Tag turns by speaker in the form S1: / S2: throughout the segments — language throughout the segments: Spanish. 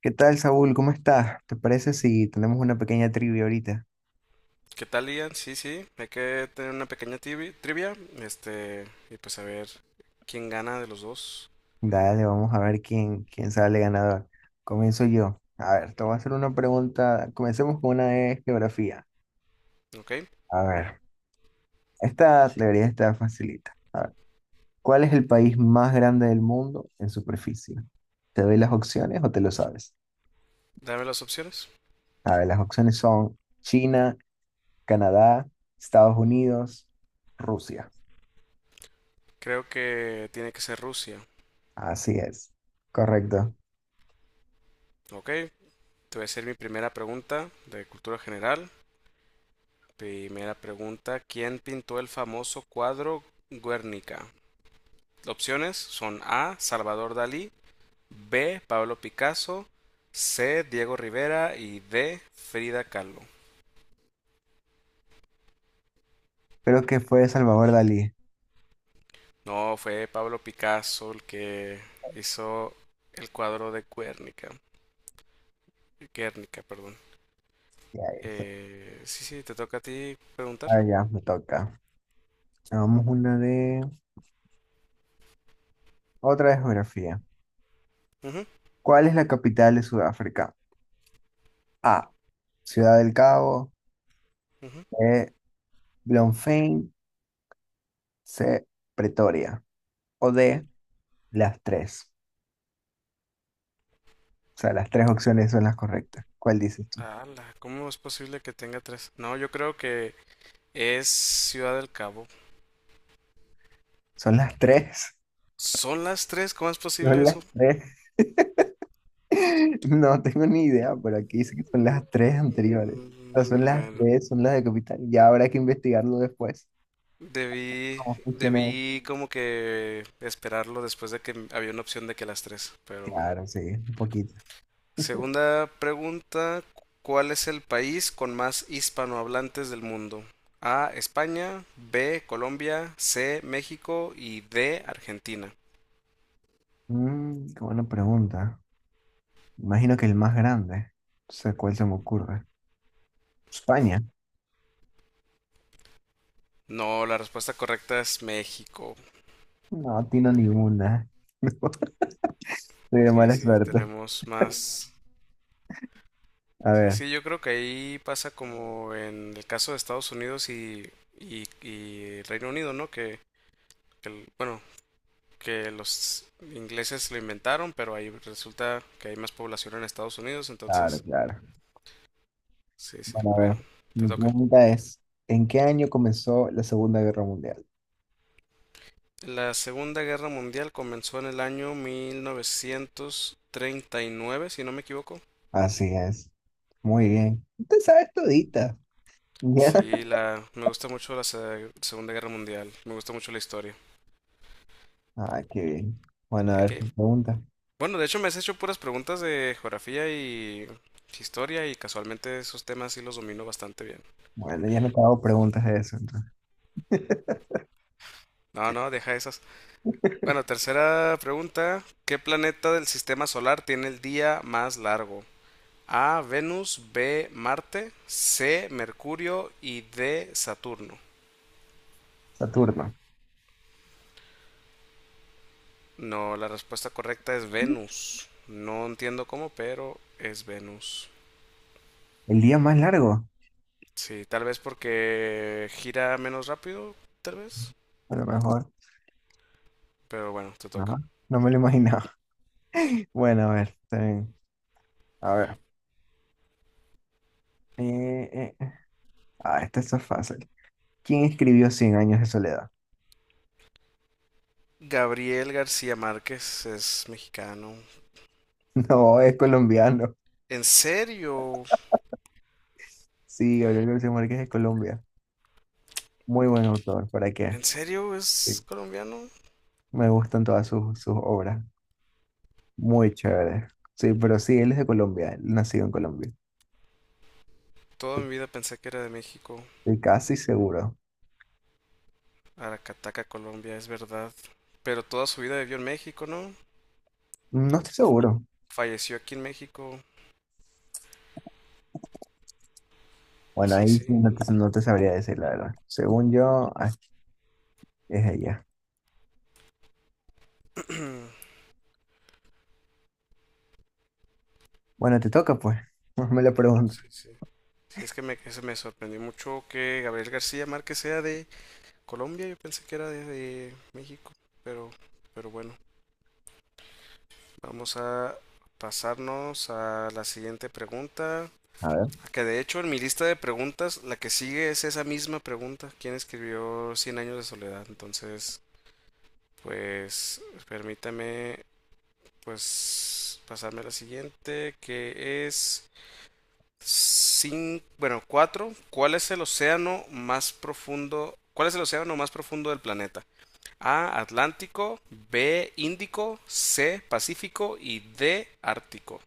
S1: ¿Qué tal, Saúl? ¿Cómo estás? ¿Te parece si tenemos una pequeña trivia ahorita?
S2: ¿Qué tal, Ian? Sí, sí, hay que tener una pequeña trivia, y pues a ver quién gana de los dos.
S1: Dale, vamos a ver quién sale ganador. Comienzo yo. A ver, te voy a hacer una pregunta. Comencemos con una de geografía.
S2: ¿Ok?
S1: A ver, esta teoría está facilita. A ver, ¿cuál es el país más grande del mundo en superficie? ¿Te doy las opciones o te lo sabes?
S2: Dame las opciones.
S1: A ver, las opciones son China, Canadá, Estados Unidos, Rusia.
S2: Creo que tiene que ser Rusia.
S1: Así es, correcto.
S2: ¿Ok? Te voy a hacer mi primera pregunta de cultura general. Primera pregunta, ¿quién pintó el famoso cuadro Guernica? Opciones son A, Salvador Dalí; B, Pablo Picasso; C, Diego Rivera y D, Frida Kahlo.
S1: Creo que fue Salvador Dalí.
S2: No, fue Pablo Picasso el que hizo el cuadro de Guernica. Guernica, perdón. Sí, sí, te toca a ti preguntar.
S1: Ah, ya, me toca. Hagamos una de otra de geografía.
S2: Ujú,
S1: ¿Cuál es la capital de Sudáfrica? A, Ciudad del Cabo.
S2: ujú.
S1: B, Bloemfontein. C, Pretoria. O D, las tres. O sea, las tres opciones son las correctas. ¿Cuál dices tú?
S2: Ala, ¿cómo es posible que tenga tres? No, yo creo que es Ciudad del Cabo.
S1: ¿Son las tres?
S2: ¿Son las tres? ¿Cómo es posible
S1: ¿Son las
S2: eso?
S1: tres? No tengo ni idea, pero aquí dice que son las tres anteriores.
S2: Mm.
S1: O sea, son las
S2: Bueno,
S1: tres, son las de capital. Ya habrá que investigarlo después.
S2: debí,
S1: ¿Cómo funciona eso?
S2: debí como que esperarlo después de que había una opción de que las tres, pero bueno.
S1: Claro, sí, un poquito.
S2: Segunda pregunta, ¿cuál es el país con más hispanohablantes del mundo? A, España; B, Colombia; C, México y D, Argentina.
S1: Mm, qué buena pregunta. Imagino que el más grande. No sé cuál se me ocurre. España.
S2: No, la respuesta correcta es México.
S1: No, atino ninguna. Soy de
S2: Sí,
S1: mala
S2: sí,
S1: suerte.
S2: tenemos más.
S1: A
S2: Sí,
S1: ver,
S2: sí, yo creo que ahí pasa como en el caso de Estados Unidos y Reino Unido, ¿no? Bueno, que los ingleses lo inventaron, pero ahí resulta que hay más población en Estados Unidos,
S1: claro,
S2: entonces...
S1: claro.
S2: Sí, sí,
S1: Bueno, a ver.
S2: bueno, te
S1: Mi
S2: toca.
S1: pregunta es, ¿en qué año comenzó la Segunda Guerra Mundial?
S2: La Segunda Guerra Mundial comenzó en el año 1939, si no me equivoco.
S1: Así es. Muy bien. Usted sabe todita. ¿Ya?
S2: Me gusta mucho la Segunda Guerra Mundial, me gusta mucho la historia.
S1: Ah, qué bien. Bueno,
S2: Ok,
S1: a ver,
S2: ok.
S1: tu pregunta.
S2: Bueno, de hecho me has hecho puras preguntas de geografía y historia y casualmente esos temas sí los domino bastante bien.
S1: Bueno, ya no te hago preguntas de eso, entonces.
S2: No, no, deja esas. Bueno, tercera pregunta. ¿Qué planeta del sistema solar tiene el día más largo? A, Venus; B, Marte; C, Mercurio y D, Saturno.
S1: Saturno.
S2: No, la respuesta correcta es Venus. No entiendo cómo, pero es Venus.
S1: El día más largo,
S2: Sí, tal vez porque gira menos rápido, tal vez.
S1: a lo mejor.
S2: Pero bueno, te toca.
S1: Ajá. No me lo imaginaba. Bueno, a ver, está bien. A ver. Eh, eh, eh. Ah, esta es fácil. ¿Quién escribió Cien años de soledad?
S2: Gabriel García Márquez es mexicano.
S1: No, es colombiano.
S2: ¿En serio?
S1: Sí, Gabriel García Márquez es de Colombia. Muy buen autor, ¿para qué?
S2: ¿En serio
S1: Sí,
S2: es colombiano?
S1: me gustan todas sus obras. Muy chévere. Sí, pero sí, él es de Colombia, él nacido en Colombia.
S2: Toda
S1: Estoy
S2: mi vida pensé que era de México.
S1: estoy casi seguro.
S2: Aracataca, Colombia, es verdad. Pero toda su vida vivió en México, ¿no?
S1: No estoy seguro.
S2: Falleció aquí en México.
S1: Bueno, ahí
S2: Sí,
S1: sí
S2: sí.
S1: no te sabría decir la verdad. Según yo, ah, es ella. Bueno, te toca, pues. Me lo pregunto.
S2: Sí, sí. Sí, es que eso me sorprendió mucho que Gabriel García Márquez sea de Colombia. Yo pensé que era de México. Pero, pero bueno, vamos a pasarnos a la siguiente pregunta.
S1: A ver,
S2: Que de hecho en mi lista de preguntas, la que sigue es esa misma pregunta: ¿quién escribió Cien años de soledad? Entonces, pues permítame pues pasarme a la siguiente, que es... Bueno, cuatro. ¿Cuál es el océano más profundo? ¿Cuál es el océano más profundo del planeta? A, Atlántico; B, Índico; C, Pacífico y D, Ártico.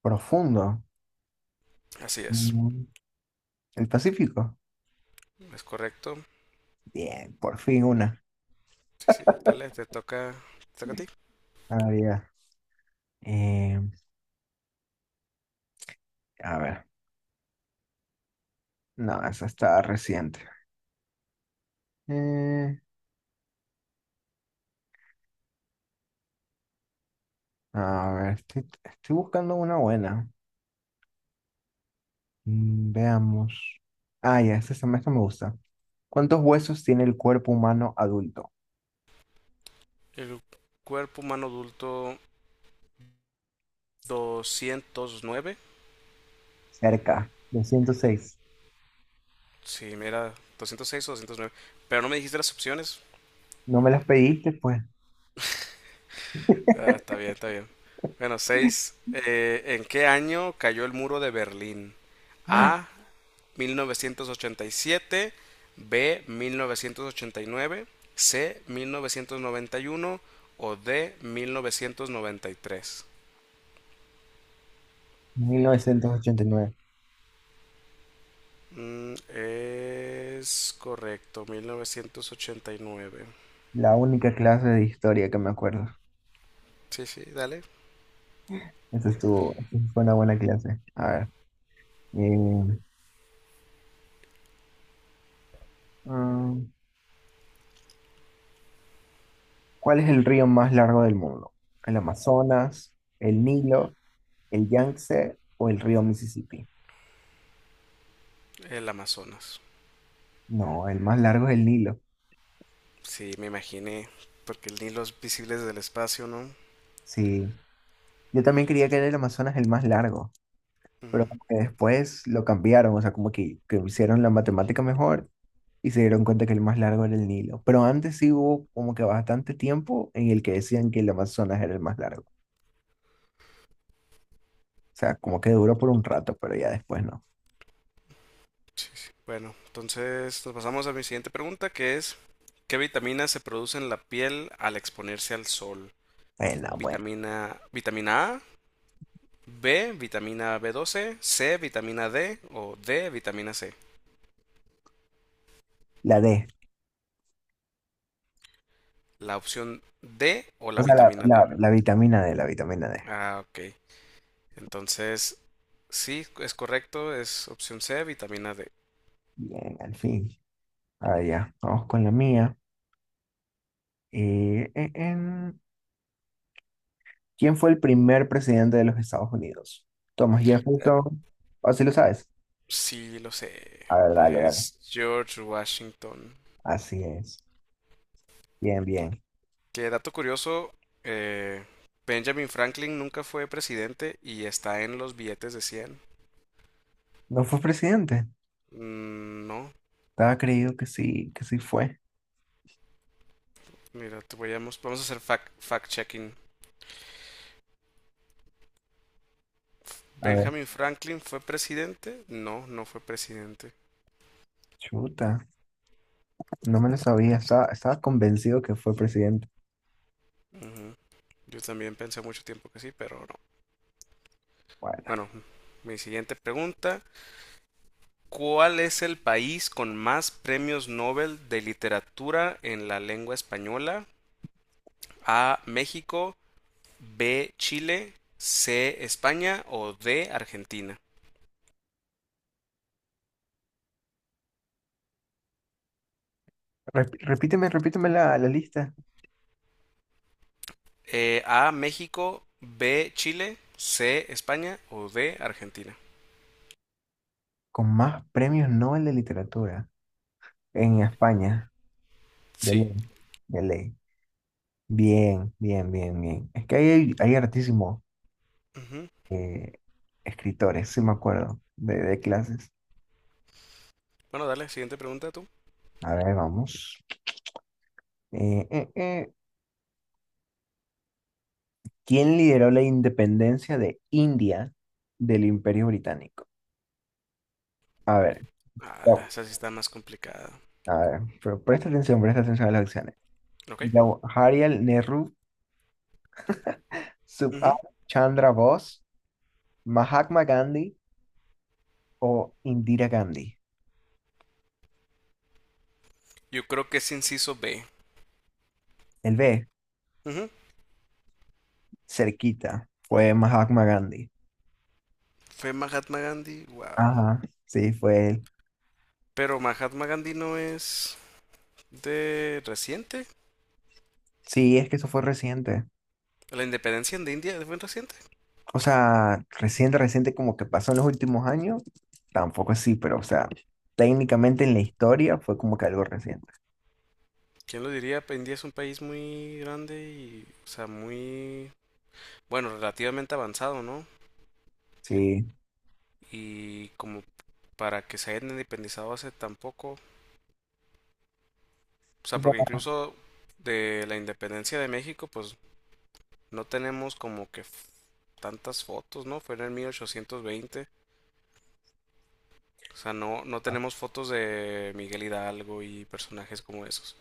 S1: profundo.
S2: Así
S1: Mm. El Pacífico.
S2: es correcto.
S1: Bien, por fin una.
S2: Sí, sí, dale, te toca a ti.
S1: Había. Eh, a ver. No, esa está reciente. Eh, a ver, estoy buscando una buena. Mm, veamos. Ah, ya, esta me gusta. ¿Cuántos huesos tiene el cuerpo humano adulto?
S2: El cuerpo humano adulto, 209.
S1: Cerca, 206.
S2: Sí, mira, 206 o 209. Pero no me dijiste las opciones.
S1: No me las pediste, pues.
S2: Ah, está bien, está bien. Bueno, seis. ¿En qué año cayó el muro de Berlín?
S1: ¡Ah!
S2: A, 1987; B, 1989; C, 1991; o D, 1993.
S1: 1989.
S2: Mm, es correcto, 1989.
S1: La única clase de historia que me acuerdo.
S2: Sí, sí, dale.
S1: Esa estuvo, esa fue una buena clase. A ver. eh, mm, ¿Cuál es el río más largo del mundo? ¿El Amazonas, el Nilo, el Yangtze o el río Mississippi?
S2: El Amazonas.
S1: No, el más largo es el Nilo.
S2: Sí, me imaginé. Porque el Nilo es visible desde el espacio, ¿no?
S1: Sí, yo también creía que era el Amazonas el más largo, pero
S2: Ujú.
S1: como que después lo cambiaron, o sea, como que hicieron la matemática mejor y se dieron cuenta que el más largo era el Nilo. Pero antes sí hubo como que bastante tiempo en el que decían que el Amazonas era el más largo. O sea, como que duró por un rato, pero ya después no.
S2: Sí, sí. Bueno, entonces nos pasamos a mi siguiente pregunta, que es, ¿qué vitaminas se produce en la piel al exponerse al sol?
S1: No, bueno,
S2: Vitamina A; B, vitamina B12; C, vitamina D o D, vitamina C.
S1: la D.
S2: La opción D o
S1: O
S2: la
S1: sea, la,
S2: vitamina D.
S1: la, la vitamina D, la vitamina D.
S2: Ah, ok. Entonces, sí, es correcto, es opción C, vitamina D.
S1: Bien, al fin. Ah, ya, vamos con la mía. Eh, eh, em, ¿Quién fue el primer presidente de los Estados Unidos? Thomas
S2: Eh,
S1: Jefferson. ¿O si lo sabes?
S2: sí, lo sé.
S1: A ver, dale.
S2: Es George Washington.
S1: Así es. Bien, bien.
S2: Que dato curioso, eh, Benjamin Franklin nunca fue presidente y está en los billetes de 100.
S1: ¿No fue presidente?
S2: Mm, no,
S1: Estaba creído que sí fue.
S2: mira, te voy a vamos a hacer fact, fact checking.
S1: A ver,
S2: ¿Benjamin Franklin fue presidente? No, no fue presidente.
S1: chuta. No me lo sabía. Estaba convencido que fue presidente.
S2: Ujú. Yo también pensé mucho tiempo que sí, pero no.
S1: Bueno,
S2: Bueno, mi siguiente pregunta. ¿Cuál es el país con más premios Nobel de literatura en la lengua española? A, México; B, Chile; C, España o D, Argentina.
S1: repíteme la lista.
S2: A, México; B, Chile; C, España o D, Argentina.
S1: Con más premios Nobel de literatura en España. De
S2: Sí.
S1: ley. De ley. Bien. Es que hay hartísimos
S2: Ujú.
S1: eh, escritores, sí me acuerdo, de clases.
S2: Bueno, dale, siguiente pregunta tú.
S1: A ver, vamos. Eh, eh, eh. ¿Quién lideró la independencia de India del Imperio Británico? A ver,
S2: Ah,
S1: ya-
S2: esa sí está más complicada.
S1: pero presta atención a las opciones.
S2: Ok.
S1: Jawaharlal Nehru, Subhas
S2: Ujú.
S1: Chandra Bose, Mahatma Gandhi o Indira Gandhi.
S2: Yo creo que es inciso B.
S1: El B,
S2: Ujú.
S1: cerquita, fue Mahatma Gandhi.
S2: Fue Mahatma Gandhi, wow.
S1: Ajá, sí, fue él.
S2: Pero Mahatma Gandhi no es de reciente.
S1: Sí, es que eso fue reciente.
S2: La independencia de India fue reciente.
S1: O sea, reciente como que pasó en los últimos años. Tampoco así, pero o sea, técnicamente en la historia fue como que algo reciente.
S2: ¿Quién lo diría? Pues, India es un país muy grande y, o sea, muy bueno, relativamente avanzado, ¿no?
S1: Sí.
S2: Y como para que se hayan independizado hace tampoco, o sea,
S1: O
S2: porque
S1: sea,
S2: incluso de la independencia de México, pues no tenemos como que tantas fotos, ¿no? Fue en el 1820, o sea, no, no tenemos fotos de Miguel Hidalgo y personajes como esos,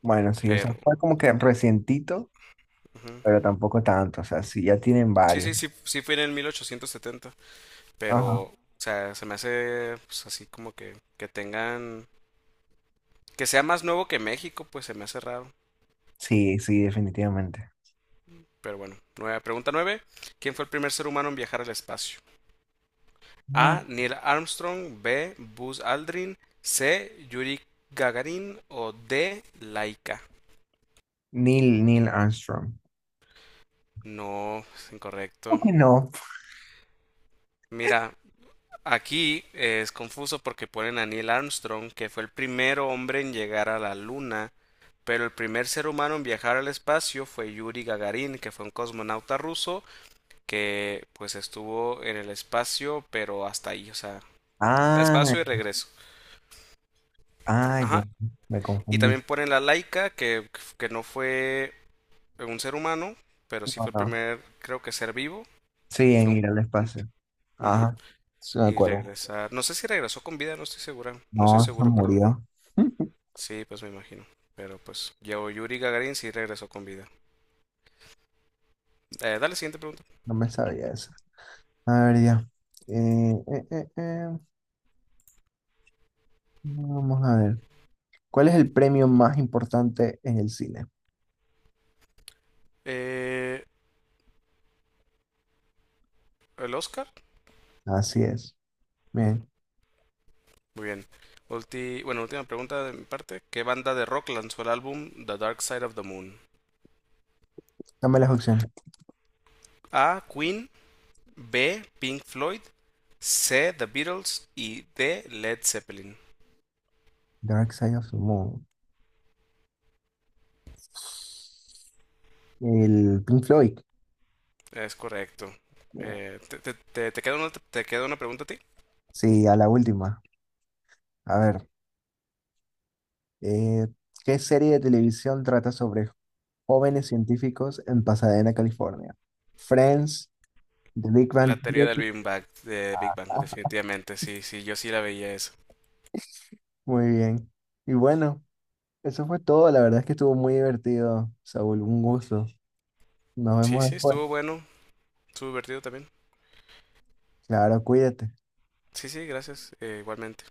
S1: bueno, sí, o sea,
S2: pero...
S1: fue como que recientito,
S2: Ujú.
S1: pero tampoco tanto. O sea, sí, ya tienen
S2: Sí,
S1: varios.
S2: sí, sí, sí fue en el 1870, pero,
S1: Ajá.
S2: o sea, se me hace, pues así como que tengan, que sea más nuevo que México, pues se me hace raro.
S1: Sí, definitivamente.
S2: Pero bueno, nueve, pregunta 9. ¿Quién fue el primer ser humano en viajar al espacio?
S1: Ah,
S2: A, Neil Armstrong; B, Buzz Aldrin; C, Yuri Gagarin; o D, Laika.
S1: Neil Armstrong.
S2: No, es
S1: ¿Cómo
S2: incorrecto.
S1: que no?
S2: Mira, aquí es confuso porque ponen a Neil Armstrong, que fue el primer hombre en llegar a la Luna, pero el primer ser humano en viajar al espacio fue Yuri Gagarin, que fue un cosmonauta ruso que pues estuvo en el espacio, pero hasta ahí, o sea,
S1: Ah,
S2: espacio y regreso.
S1: ya,
S2: Ajá.
S1: me
S2: Y
S1: confundí.
S2: también ponen la Laika, que no fue un ser humano, pero sí
S1: No,
S2: fue el
S1: no.
S2: primer, creo que ser vivo.
S1: Sí, en
S2: Fue un...
S1: ir al
S2: un-
S1: espacio.
S2: Ujú.
S1: Ajá, sí, me
S2: Y
S1: acuerdo.
S2: regresar... No sé si regresó con vida, no estoy segura. No estoy
S1: No, se
S2: seguro, perdón.
S1: murió.
S2: Sí, pues me imagino. Pero pues, yo, Yuri Gagarin sí regresó con vida. Dale, siguiente pregunta.
S1: No me sabía eso. A ver, ya. Eh, eh, eh, eh. Vamos a ver. ¿Cuál es el premio más importante en el cine?
S2: Eh, ¿El Oscar?
S1: Así es. Bien,
S2: Muy bien. Bueno, última pregunta de mi parte. ¿Qué banda de rock lanzó el álbum The Dark Side of the Moon?
S1: dame las opciones.
S2: A, Queen; B, Pink Floyd; C, The Beatles; y D, Led Zeppelin.
S1: Dark Side of the Moon. El Pink Floyd.
S2: Es correcto. ¿Te queda una, te queda una pregunta a ti?
S1: Sí, a la última. A ver. eh, ¿Qué serie de televisión trata sobre jóvenes científicos en Pasadena, California? Friends, The Big
S2: La
S1: Bang
S2: teoría del
S1: Theory.
S2: Big Bang, de Big Bang, definitivamente. Sí, sí, yo sí la veía eso.
S1: Muy bien. Y bueno. Eso fue todo, la verdad es que estuvo muy divertido, Saúl, un gusto. Nos
S2: Sí,
S1: vemos
S2: sí,
S1: después.
S2: estuvo bueno. Estuvo divertido también.
S1: Claro, cuídate.
S2: Sí, sí, gracias. Igualmente.